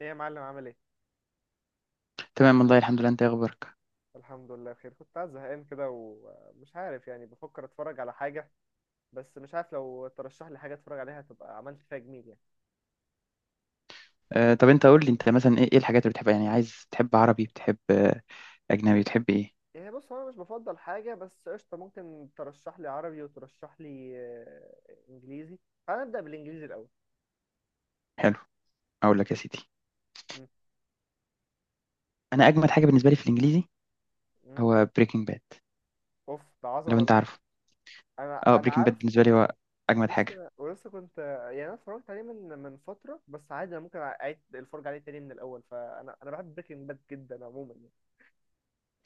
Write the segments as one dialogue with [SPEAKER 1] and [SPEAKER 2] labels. [SPEAKER 1] ايه يا معلم، عامل ايه؟
[SPEAKER 2] تمام والله، الحمد لله. انت إيه اخبارك؟
[SPEAKER 1] الحمد لله بخير. كنت قاعد زهقان كده ومش عارف، يعني بفكر اتفرج على حاجه. بس مش عارف، لو ترشح لي حاجه اتفرج عليها تبقى عملت فيها جميل يعني.
[SPEAKER 2] آه، طب انت قول لي، انت مثلا ايه الحاجات اللي بتحبها؟ يعني عايز تحب عربي، بتحب، اجنبي، بتحب ايه؟
[SPEAKER 1] ايه، بص هو انا مش بفضل حاجه، بس قشطه ممكن ترشح لي عربي وترشح لي انجليزي. تعال نبدا بالانجليزي الاول.
[SPEAKER 2] حلو. اقول لك يا سيدي،
[SPEAKER 1] م-
[SPEAKER 2] انا اجمد حاجه بالنسبه لي في الانجليزي
[SPEAKER 1] م.
[SPEAKER 2] هو بريكنج باد.
[SPEAKER 1] اوف، ده عظمه
[SPEAKER 2] لو انت
[SPEAKER 1] والله.
[SPEAKER 2] عارفه.
[SPEAKER 1] انا
[SPEAKER 2] اه،
[SPEAKER 1] انا
[SPEAKER 2] بريكنج باد بالنسبه
[SPEAKER 1] عارفه.
[SPEAKER 2] لي هو اجمد حاجه.
[SPEAKER 1] لسه ولسه كنت. يعني انا اتفرجت عليه من فتره، بس عادي انا ممكن اعيد الفرجه عليه تاني من الاول، فانا بحب بريكنج باد جدا عموما يعني.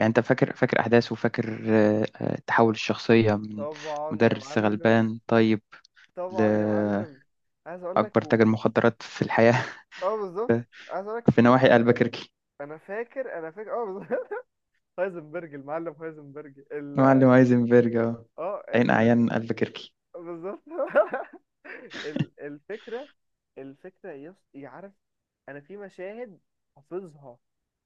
[SPEAKER 2] يعني انت فاكر احداثه وفاكر، تحول الشخصيه من
[SPEAKER 1] طبعا يا
[SPEAKER 2] مدرس
[SPEAKER 1] معلم.
[SPEAKER 2] غلبان طيب
[SPEAKER 1] طبعا يا
[SPEAKER 2] لاكبر
[SPEAKER 1] معلم، عايز اقول لك
[SPEAKER 2] تاجر مخدرات في الحياه.
[SPEAKER 1] اه بالظبط. عايز اقول
[SPEAKER 2] في
[SPEAKER 1] لك،
[SPEAKER 2] نواحي البكركي.
[SPEAKER 1] انا فاكر انا فاكر، اه بالظبط. هايزنبرج، المعلم هايزنبرج، ال
[SPEAKER 2] معلم هايزنبرج، اه،
[SPEAKER 1] اه
[SPEAKER 2] عين
[SPEAKER 1] ال
[SPEAKER 2] اعيان البكركي.
[SPEAKER 1] بالظبط. الفكره، يعرف. انا في مشاهد حافظها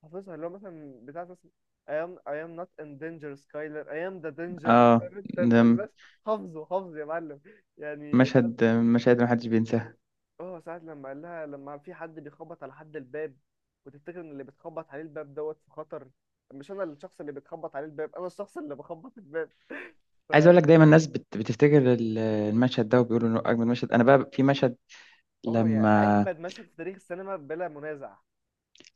[SPEAKER 1] حافظها، اللي هو مثلا بتاع مثلا I am not in danger Skyler, I am the danger.
[SPEAKER 2] اه،
[SPEAKER 1] فاهم انت
[SPEAKER 2] نعم.
[SPEAKER 1] حافظه حافظه يا معلم، يعني.
[SPEAKER 2] مشاهد ما حدش بينساها.
[SPEAKER 1] اه، ساعة لما قال لها لما في حد بيخبط على حد الباب، وتفتكر ان اللي بتخبط عليه الباب دوت في خطر. مش انا الشخص اللي بتخبط عليه الباب، انا الشخص اللي بخبط الباب. ف
[SPEAKER 2] عايز اقول لك، دايما الناس بتفتكر المشهد ده وبيقولوا انه اجمل مشهد. انا بقى في مشهد
[SPEAKER 1] اه، يا
[SPEAKER 2] لما،
[SPEAKER 1] اجمد مشهد في تاريخ السينما بلا منازع.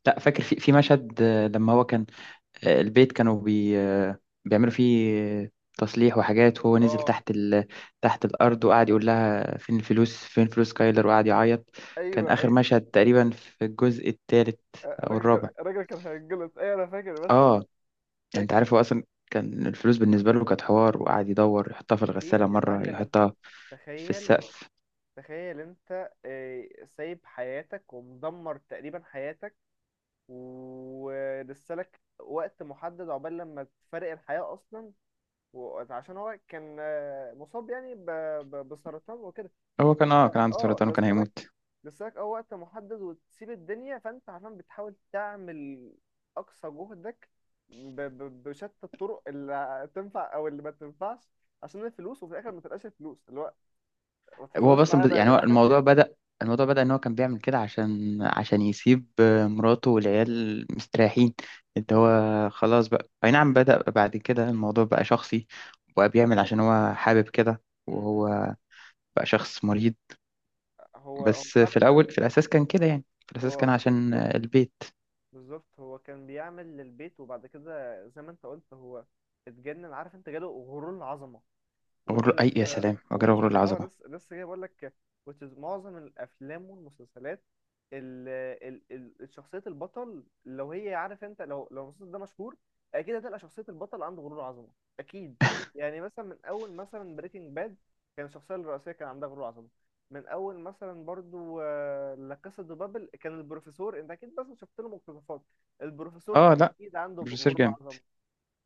[SPEAKER 2] لا، فاكر في مشهد، لما هو كان، البيت كانوا بي... آه، بيعملوا فيه، آه، تصليح وحاجات، وهو نزل
[SPEAKER 1] اه،
[SPEAKER 2] تحت تحت الارض، وقعد يقول لها فين الفلوس، فين فلوس كايلر، وقعد يعيط. كان
[SPEAKER 1] ايوه،
[SPEAKER 2] اخر
[SPEAKER 1] اي،
[SPEAKER 2] مشهد تقريبا في الجزء الثالث او
[SPEAKER 1] الراجل كان
[SPEAKER 2] الرابع،
[SPEAKER 1] الراجل كان هيتجلط. ايوه، انا فاكر المشهد
[SPEAKER 2] اه.
[SPEAKER 1] ده،
[SPEAKER 2] يعني انت
[SPEAKER 1] فاكر.
[SPEAKER 2] عارف، هو اصلا كان الفلوس بالنسبه له كانت حوار، وقعد يدور يحطها في الغساله
[SPEAKER 1] اكيد يا
[SPEAKER 2] مره،
[SPEAKER 1] معلم، انت
[SPEAKER 2] يحطها في
[SPEAKER 1] تخيل
[SPEAKER 2] السقف.
[SPEAKER 1] تخيل. انت سايب حياتك ومدمر تقريبا حياتك، ولسه لك وقت محدد عقبال لما تفارق الحياة اصلا. وعشان هو كان مصاب يعني بسرطان وكده.
[SPEAKER 2] هو كان عنده
[SPEAKER 1] اه،
[SPEAKER 2] سرطان وكان
[SPEAKER 1] لسه
[SPEAKER 2] هيموت.
[SPEAKER 1] لك اه وقت محدد وتسيب الدنيا، فانت عشان بتحاول تعمل اقصى جهدك بشتى الطرق اللي تنفع او اللي ما تنفعش، عشان الفلوس، وفي الاخر ما تلقاش الفلوس اللي هو ما
[SPEAKER 2] هو
[SPEAKER 1] تهزروش
[SPEAKER 2] اصلا
[SPEAKER 1] معانا
[SPEAKER 2] يعني
[SPEAKER 1] يا
[SPEAKER 2] هو
[SPEAKER 1] جدعان.
[SPEAKER 2] الموضوع بدأ ان هو كان بيعمل كده عشان يسيب، مراته والعيال مستريحين، اللي
[SPEAKER 1] مم.
[SPEAKER 2] هو خلاص. بقى اي نعم، بدأ بعد كده الموضوع بقى شخصي، وبقى بيعمل عشان هو حابب كده،
[SPEAKER 1] مم. مم.
[SPEAKER 2] وهو بقى شخص مريض.
[SPEAKER 1] هو هو
[SPEAKER 2] بس في
[SPEAKER 1] فعلا
[SPEAKER 2] الاول، في الاساس كان كده، يعني في الاساس
[SPEAKER 1] هو
[SPEAKER 2] كان عشان،
[SPEAKER 1] بالظبط.
[SPEAKER 2] البيت.
[SPEAKER 1] بالظبط، هو كان بيعمل للبيت، وبعد كده زي ما انت قلت هو اتجنن. عارف انت، جاله غرور العظمه، which
[SPEAKER 2] غرور،
[SPEAKER 1] is
[SPEAKER 2] اي يا
[SPEAKER 1] uh,
[SPEAKER 2] سلام، وجرى غرور
[SPEAKER 1] اه،
[SPEAKER 2] العظمه.
[SPEAKER 1] لسه لسه جاي بقول لك. Which is معظم الافلام والمسلسلات، ال ال ال شخصية البطل، لو هي عارف انت، لو المسلسل ده مشهور اكيد هتلقى شخصية البطل عنده غرور عظمة، اكيد. يعني مثلا من اول مثلا بريكنج باد كان الشخصية الرئيسية كان عندها غرور عظمة. من اول مثلا برضو لا كاسا دو بابل، كان البروفيسور، انت اكيد بس شفت له مقتطفات، البروفيسور
[SPEAKER 2] اه، لا،
[SPEAKER 1] اكيد عنده
[SPEAKER 2] بروفيسور
[SPEAKER 1] غرور
[SPEAKER 2] جامد.
[SPEAKER 1] عظمة.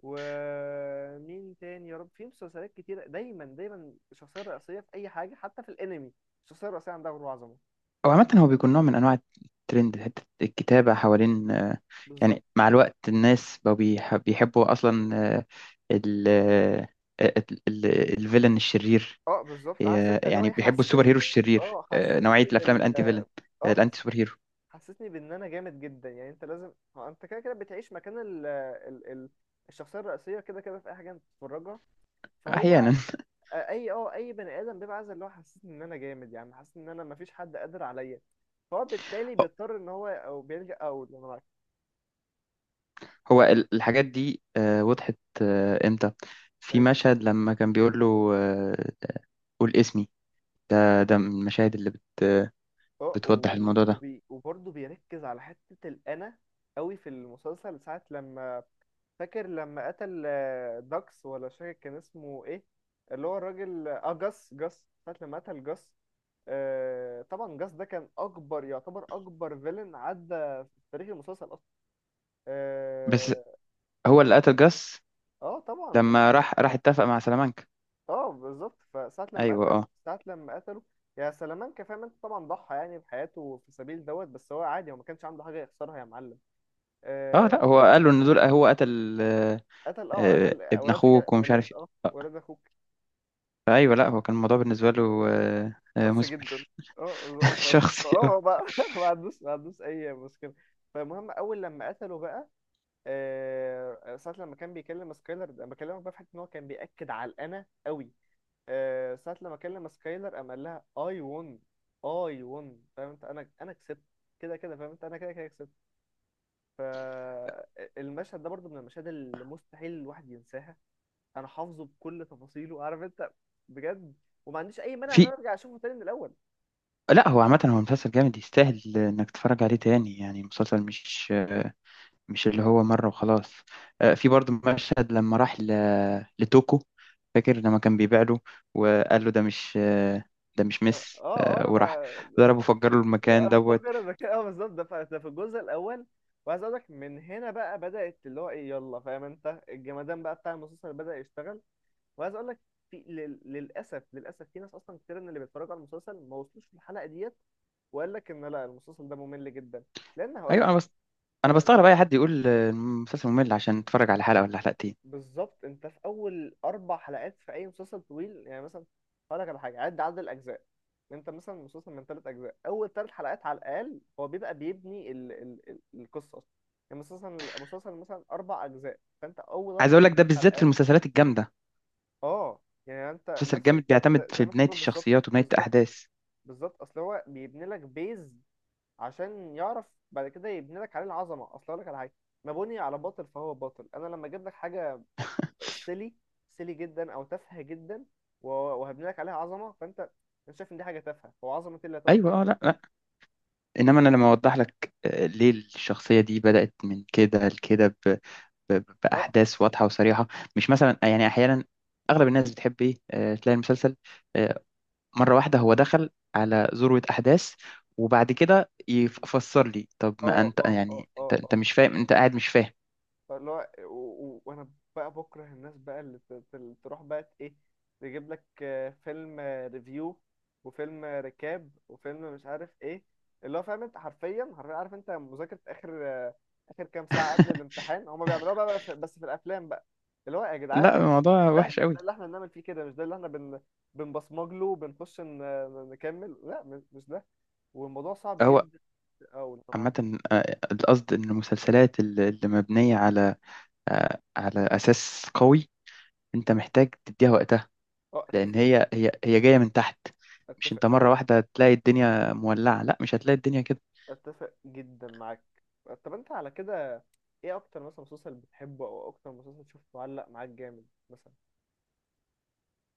[SPEAKER 1] ومين تاني يا رب، في مسلسلات كتيرة دايما دايما الشخصية الرئيسية في أي حاجة، حتى في الأنمي الشخصية الرئيسية عندها غرور وعظمة.
[SPEAKER 2] او عامه هو بيكون نوع من انواع الترند، حته الكتابه حوالين،
[SPEAKER 1] بالظبط.
[SPEAKER 2] يعني مع الوقت الناس بقوا بيحبوا اصلا، ال آه، ال- ال- الفيلن الشرير.
[SPEAKER 1] اه بالظبط، عارف انت اللي هو
[SPEAKER 2] يعني
[SPEAKER 1] ايه،
[SPEAKER 2] بيحبوا
[SPEAKER 1] حسسني
[SPEAKER 2] السوبر هيرو الشرير،
[SPEAKER 1] اه
[SPEAKER 2] نوعيه
[SPEAKER 1] حسسني
[SPEAKER 2] الافلام
[SPEAKER 1] بال
[SPEAKER 2] الانتي فيلن،
[SPEAKER 1] اه
[SPEAKER 2] الانتي
[SPEAKER 1] حسسني
[SPEAKER 2] سوبر هيرو.
[SPEAKER 1] حسسني بان انا جامد جدا، يعني انت لازم. هو انت كده كده بتعيش مكان الشخصية الرئيسية كده كده في اي حاجة انت بتتفرجها. فهو
[SPEAKER 2] احيانا.
[SPEAKER 1] اي بني ادم بيبقى عايز اللي هو حسسني ان انا جامد، يعني حاسس ان انا مفيش حد قادر عليا، فهو بالتالي بيضطر ان هو او بيلجأ او
[SPEAKER 2] هو الحاجات دي وضحت امتى؟ في
[SPEAKER 1] ايه.
[SPEAKER 2] مشهد لما كان بيقول له، قول اسمي. ده من المشاهد اللي
[SPEAKER 1] اه
[SPEAKER 2] بتوضح
[SPEAKER 1] و-
[SPEAKER 2] الموضوع ده.
[SPEAKER 1] وبي وبرضه بيركز على حتة الأنا قوي في المسلسل ساعة لما، فاكر لما قتل داكس، ولا مش فاكر كان اسمه ايه، اللي هو الراجل جاس ساعة لما قتل جاس. آه طبعا، جاس ده كان أكبر، يعتبر أكبر فيلن عدى في تاريخ المسلسل أصلا.
[SPEAKER 2] بس
[SPEAKER 1] اه.
[SPEAKER 2] هو اللي قتل جاس
[SPEAKER 1] آه، طبعا.
[SPEAKER 2] لما راح اتفق مع سلامانكا.
[SPEAKER 1] اه بالظبط، فساعة لما
[SPEAKER 2] ايوه،
[SPEAKER 1] قتل
[SPEAKER 2] اه.
[SPEAKER 1] ساعة لما قتله يا سلامانكا، فاهم انت، طبعا ضحى يعني بحياته في سبيل دوت، بس هو عادي، هو ما كانش عنده حاجة يخسرها يا معلم.
[SPEAKER 2] اه، لا، هو
[SPEAKER 1] آه،
[SPEAKER 2] قال له ان دول هو قتل،
[SPEAKER 1] قتل اه قتل
[SPEAKER 2] ابن
[SPEAKER 1] اولاد خال
[SPEAKER 2] اخوك ومش
[SPEAKER 1] اولاد
[SPEAKER 2] عارف إيه.
[SPEAKER 1] اه ولاد اخوك.
[SPEAKER 2] ايوه، لا، هو كان الموضوع بالنسبه له
[SPEAKER 1] شخص جدا.
[SPEAKER 2] مثمر.
[SPEAKER 1] اه
[SPEAKER 2] شخصي،
[SPEAKER 1] فاه هو
[SPEAKER 2] اه.
[SPEAKER 1] بقى، ما عندوش اي مشكلة. فالمهم، اول لما قتله بقى، آه، ساعة لما كان بيكلم سكايلر، انا بكلمك بقى في حتة ان هو كان بيأكد على الانا قوي. ساعة لما كلم سكايلر قام قال لها اي ون. اي ون، فاهم انت، انا كسبت. كده كده، فاهم انت، انا كده كده كسبت. فالمشهد ده برضو من المشاهد اللي مستحيل الواحد ينساها. انا حافظه بكل تفاصيله، عارف انت، بجد. وما عنديش اي مانع ان انا
[SPEAKER 2] في،
[SPEAKER 1] ارجع اشوفه تاني من الاول.
[SPEAKER 2] لا، هو عامه هو مسلسل جامد، يستاهل انك تتفرج عليه تاني. يعني مسلسل مش، مش اللي هو مره وخلاص. في
[SPEAKER 1] مم.
[SPEAKER 2] برضه مشهد لما راح لتوكو. فاكر لما كان بيبيع له، وقال له ده مش، ده مش
[SPEAKER 1] اه،
[SPEAKER 2] مس
[SPEAKER 1] اه،
[SPEAKER 2] آه،
[SPEAKER 1] انا
[SPEAKER 2] وراح
[SPEAKER 1] ما
[SPEAKER 2] ضربه، فجر له المكان دوت.
[SPEAKER 1] وانفجر المكان. اه بالظبط، ده ده في الجزء الاول. وعايز اقول لك، من هنا بقى بدأت اللي هو ايه، يلا فاهم انت، الجمدان بقى بتاع المسلسل بدأ يشتغل. وعايز اقول لك، في للاسف للاسف في ناس اصلا كتير من اللي بيتفرجوا على المسلسل ما وصلوش للحلقه ديت، وقال لك ان لا المسلسل ده ممل جدا، لان هقول
[SPEAKER 2] ايوه،
[SPEAKER 1] لك.
[SPEAKER 2] انا بس، انا
[SPEAKER 1] آه.
[SPEAKER 2] بستغرب اي حد يقول المسلسل ممل عشان اتفرج على حلقه ولا حلقتين.
[SPEAKER 1] بالظبط، انت في اول اربع حلقات في اي مسلسل طويل، يعني مثلا هقول لك على حاجه، عد عدد الاجزاء. انت مثلا مسلسل من ثلاث اجزاء، اول ثلاث حلقات على الاقل هو بيبقى بيبني ال القصه اصلا. يعني مسلسل مثلا اربع اجزاء، فانت اول
[SPEAKER 2] عايز
[SPEAKER 1] اربع
[SPEAKER 2] اقول لك، ده
[SPEAKER 1] حلقات على
[SPEAKER 2] بالذات في
[SPEAKER 1] الاقل.
[SPEAKER 2] المسلسلات الجامده.
[SPEAKER 1] اه، يعني انت
[SPEAKER 2] المسلسل
[SPEAKER 1] نفس.
[SPEAKER 2] الجامد بيعتمد
[SPEAKER 1] زي
[SPEAKER 2] في
[SPEAKER 1] ما انت
[SPEAKER 2] بنايه
[SPEAKER 1] بتقول، بالظبط.
[SPEAKER 2] الشخصيات وبنايه
[SPEAKER 1] بالظبط.
[SPEAKER 2] الاحداث.
[SPEAKER 1] بالظبط، اصل هو بيبني لك عشان يعرف بعد كده يبني لك عليه العظمه. اصل اقول لك على حاجه، ما بني على باطل فهو باطل. انا لما اجيب لك حاجه سيلي، سيلي جدا او تافهه جدا، وهبني لك عليها عظمه، فانت انا شايف ان دي حاجه تافهه، هو عظمه إيه اللي هتبقى في
[SPEAKER 2] ايوه، اه.
[SPEAKER 1] حاجه
[SPEAKER 2] لا،
[SPEAKER 1] تافهه؟
[SPEAKER 2] لا، انما انا لما اوضح لك، ليه الشخصيه دي بدات من كده لكده
[SPEAKER 1] اه،
[SPEAKER 2] باحداث واضحه وصريحه. مش مثلا يعني احيانا اغلب الناس بتحب ايه، تلاقي المسلسل، آه، مره واحده هو دخل على ذروه احداث، وبعد كده يفسر لي. طب
[SPEAKER 1] اه،
[SPEAKER 2] ما انت،
[SPEAKER 1] اه، اه،
[SPEAKER 2] يعني انت
[SPEAKER 1] اه، أه.
[SPEAKER 2] انت مش فاهم، انت قاعد مش فاهم.
[SPEAKER 1] فاللي هو وانا بقى بكره الناس بقى اللي تروح بقى، ايه، تجيب لك فيلم ريفيو وفيلم ركاب وفيلم مش عارف ايه، اللي هو فاهم انت، حرفيا حرفيا، عارف انت، مذاكرة اخر اخر كام ساعة قبل الامتحان، هما بيعملوها بقى، بقى بس في الافلام بقى، اللي هو يا
[SPEAKER 2] لا،
[SPEAKER 1] جدعان، مش،
[SPEAKER 2] الموضوع
[SPEAKER 1] ده
[SPEAKER 2] وحش
[SPEAKER 1] مش،
[SPEAKER 2] قوي.
[SPEAKER 1] ده اللي احنا بنعمل فيه كده، مش ده اللي احنا بنبصمج له وبنخش نكمل، لا، مش ده. والموضوع صعب
[SPEAKER 2] هو
[SPEAKER 1] جدا. اه والله معاك.
[SPEAKER 2] عامة، القصد إن المسلسلات اللي مبنية على، على أساس قوي، أنت محتاج تديها وقتها.
[SPEAKER 1] اه،
[SPEAKER 2] لأن
[SPEAKER 1] اتفق،
[SPEAKER 2] هي هي جاية من تحت، مش
[SPEAKER 1] اتفق
[SPEAKER 2] أنت مرة
[SPEAKER 1] قوي،
[SPEAKER 2] واحدة تلاقي الدنيا مولعة. لا، مش هتلاقي الدنيا كده.
[SPEAKER 1] اتفق جدا معاك. طب انت على كده، ايه اكتر مثلا مسلسل بتحبه او اكتر مسلسل شفته علق معاك جامد مثلا؟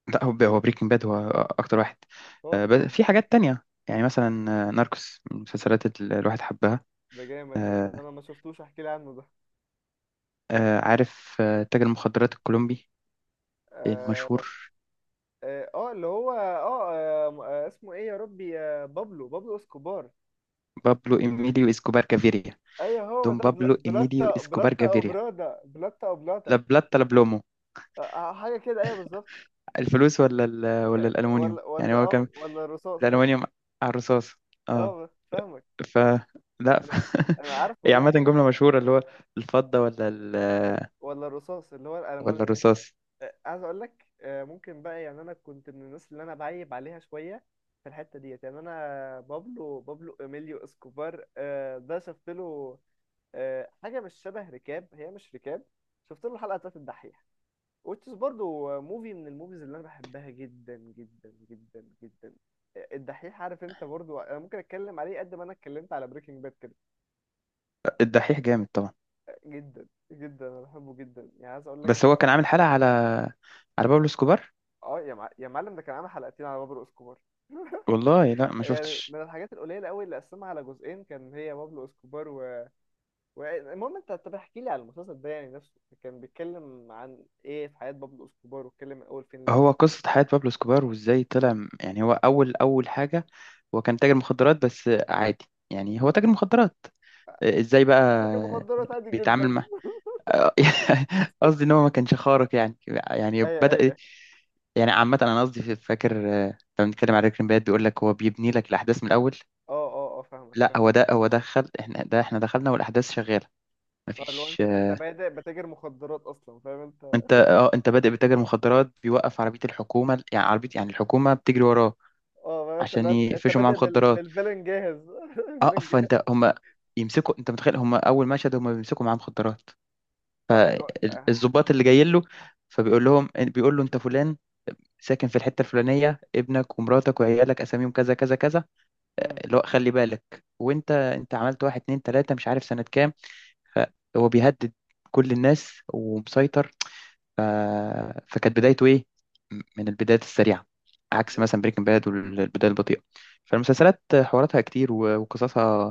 [SPEAKER 2] لا، هو هو بريكنج باد، هو أكتر واحد.
[SPEAKER 1] هو
[SPEAKER 2] بس
[SPEAKER 1] الطب؟
[SPEAKER 2] في حاجات تانية، يعني مثلا، ناركوس من المسلسلات اللي الواحد حبها.
[SPEAKER 1] ده جامد، ده طب
[SPEAKER 2] آه،
[SPEAKER 1] انا ما شفتوش، احكي لي عنه ده.
[SPEAKER 2] عارف، تاجر المخدرات الكولومبي
[SPEAKER 1] اه،
[SPEAKER 2] المشهور،
[SPEAKER 1] اه، اللي هو اسمه ايه يا ربي، آه، بابلو اسكوبار.
[SPEAKER 2] بابلو إيميليو إسكوبار كافيريا.
[SPEAKER 1] ايوه هو
[SPEAKER 2] دون
[SPEAKER 1] ده،
[SPEAKER 2] بابلو إيميليو
[SPEAKER 1] بلاتا
[SPEAKER 2] إسكوبار
[SPEAKER 1] بلاتا او
[SPEAKER 2] جافيريا.
[SPEAKER 1] برادا، بلاتا او بلاتا.
[SPEAKER 2] لا بلاتا، لا بلومو.
[SPEAKER 1] حاجه كده، ايوه بالظبط.
[SPEAKER 2] الفلوس ولا ولا الألمونيوم،
[SPEAKER 1] ولا
[SPEAKER 2] يعني
[SPEAKER 1] ولا
[SPEAKER 2] هو
[SPEAKER 1] اه
[SPEAKER 2] كان.
[SPEAKER 1] ولا الرصاص، اه.
[SPEAKER 2] الألمونيوم على الرصاص. اه.
[SPEAKER 1] فاهمك.
[SPEAKER 2] ف لا،
[SPEAKER 1] انا انا عارفه
[SPEAKER 2] هي عامة
[SPEAKER 1] جدا
[SPEAKER 2] جملة
[SPEAKER 1] طبعا.
[SPEAKER 2] مشهورة، اللي هو الفضة ولا
[SPEAKER 1] ولا الرصاص، اللي هو
[SPEAKER 2] ولا
[SPEAKER 1] الالماني.
[SPEAKER 2] الرصاص.
[SPEAKER 1] عايز اقول لك، ممكن بقى، يعني انا كنت من الناس اللي انا بعيب عليها شويه في الحته ديت، يعني انا بابلو اميليو اسكوبار، ده شفت له حاجه مش شبه ركاب، هي مش ركاب. شفت له حلقه بتاعت الدحيح وتشز، برضو موفي من الموفيز اللي انا بحبها جدا جدا جدا جدا. الدحيح، عارف انت، برضو انا ممكن اتكلم عليه قد ما انا اتكلمت على بريكنج باد كده.
[SPEAKER 2] الدحيح جامد طبعا.
[SPEAKER 1] جدا جدا انا بحبه جدا يعني، عايز اقول لك.
[SPEAKER 2] بس هو كان عامل حلقة على بابلو اسكوبار.
[SPEAKER 1] اه، يا معلم، ده كان عامل حلقتين على بابلو اسكوبار.
[SPEAKER 2] والله، لا، ما
[SPEAKER 1] يعني
[SPEAKER 2] شفتش.
[SPEAKER 1] من الحاجات القليله قوي اللي قسمها على جزئين كان هي بابلو اسكوبار المهم، انت طب احكي لي على المسلسل ده، يعني نفسه كان بيتكلم عن ايه في حياه بابلو اسكوبار، واتكلم من اول فين
[SPEAKER 2] هو
[SPEAKER 1] لفين؟
[SPEAKER 2] قصة حياة بابلو اسكوبار، وازاي طلع، يعني هو أول أول حاجة، هو كان تاجر مخدرات بس عادي. يعني هو
[SPEAKER 1] مم.
[SPEAKER 2] تاجر مخدرات ازاي بقى
[SPEAKER 1] لكن مخدرات عادي
[SPEAKER 2] بيتعامل
[SPEAKER 1] جدا.
[SPEAKER 2] مع. قصدي ان هو ما كانش خارق يعني. يعني
[SPEAKER 1] ايوه،
[SPEAKER 2] بدأ،
[SPEAKER 1] ايوه.
[SPEAKER 2] يعني عامة، انا قصدي فاكر، لما بنتكلم على بريكنج باد بيقول لك هو بيبني لك الاحداث من الاول.
[SPEAKER 1] اه، اه، اه، فاهمك
[SPEAKER 2] لا،
[SPEAKER 1] فاهمك.
[SPEAKER 2] هو ده، هو دخل احنا، ده احنا دخلنا والاحداث شغالة،
[SPEAKER 1] اه، لو
[SPEAKER 2] مفيش،
[SPEAKER 1] انت بادئ بتاجر مخدرات اصلا، فاهم انت.
[SPEAKER 2] انت بادئ بتاجر مخدرات بيوقف عربية الحكومة. يعني عربية، يعني الحكومة بتجري وراه
[SPEAKER 1] اه، فاهم انت،
[SPEAKER 2] عشان
[SPEAKER 1] لو انت
[SPEAKER 2] يقفشوا معاه
[SPEAKER 1] بادئ
[SPEAKER 2] مخدرات.
[SPEAKER 1] بالفيلن جاهز. الفيلن
[SPEAKER 2] اقف،
[SPEAKER 1] جاهز.
[SPEAKER 2] فانت هم يمسكوا. انت متخيل هم اول مشهد هم بيمسكوا معاه مخدرات،
[SPEAKER 1] اه، اللي هو، آه.
[SPEAKER 2] الضباط اللي جايين له؟ فبيقول لهم، بيقول له انت فلان، ساكن في الحته الفلانيه، ابنك ومراتك وعيالك اساميهم كذا كذا كذا،
[SPEAKER 1] مم.
[SPEAKER 2] اللي هو خلي بالك وانت عملت واحد، اتنين، تلاته، مش عارف سنه كام. فهو بيهدد كل الناس ومسيطر. ف... فكانت بدايته ايه؟ من البدايات السريعه،
[SPEAKER 1] طب
[SPEAKER 2] عكس
[SPEAKER 1] ده
[SPEAKER 2] مثلا بريكنج باد والبدايه البطيئه. فالمسلسلات حواراتها كتير، وقصصها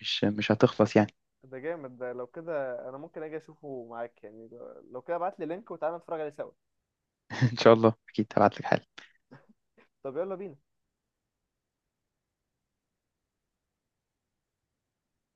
[SPEAKER 2] مش هتخلص يعني.
[SPEAKER 1] ده جامد، ده لو كده انا ممكن اجي اشوفه معاك، يعني لو كده ابعت لي لينك وتعالى نتفرج عليه سوا.
[SPEAKER 2] ان شاء الله اكيد هبعت لك حل.
[SPEAKER 1] طب يلا بينا.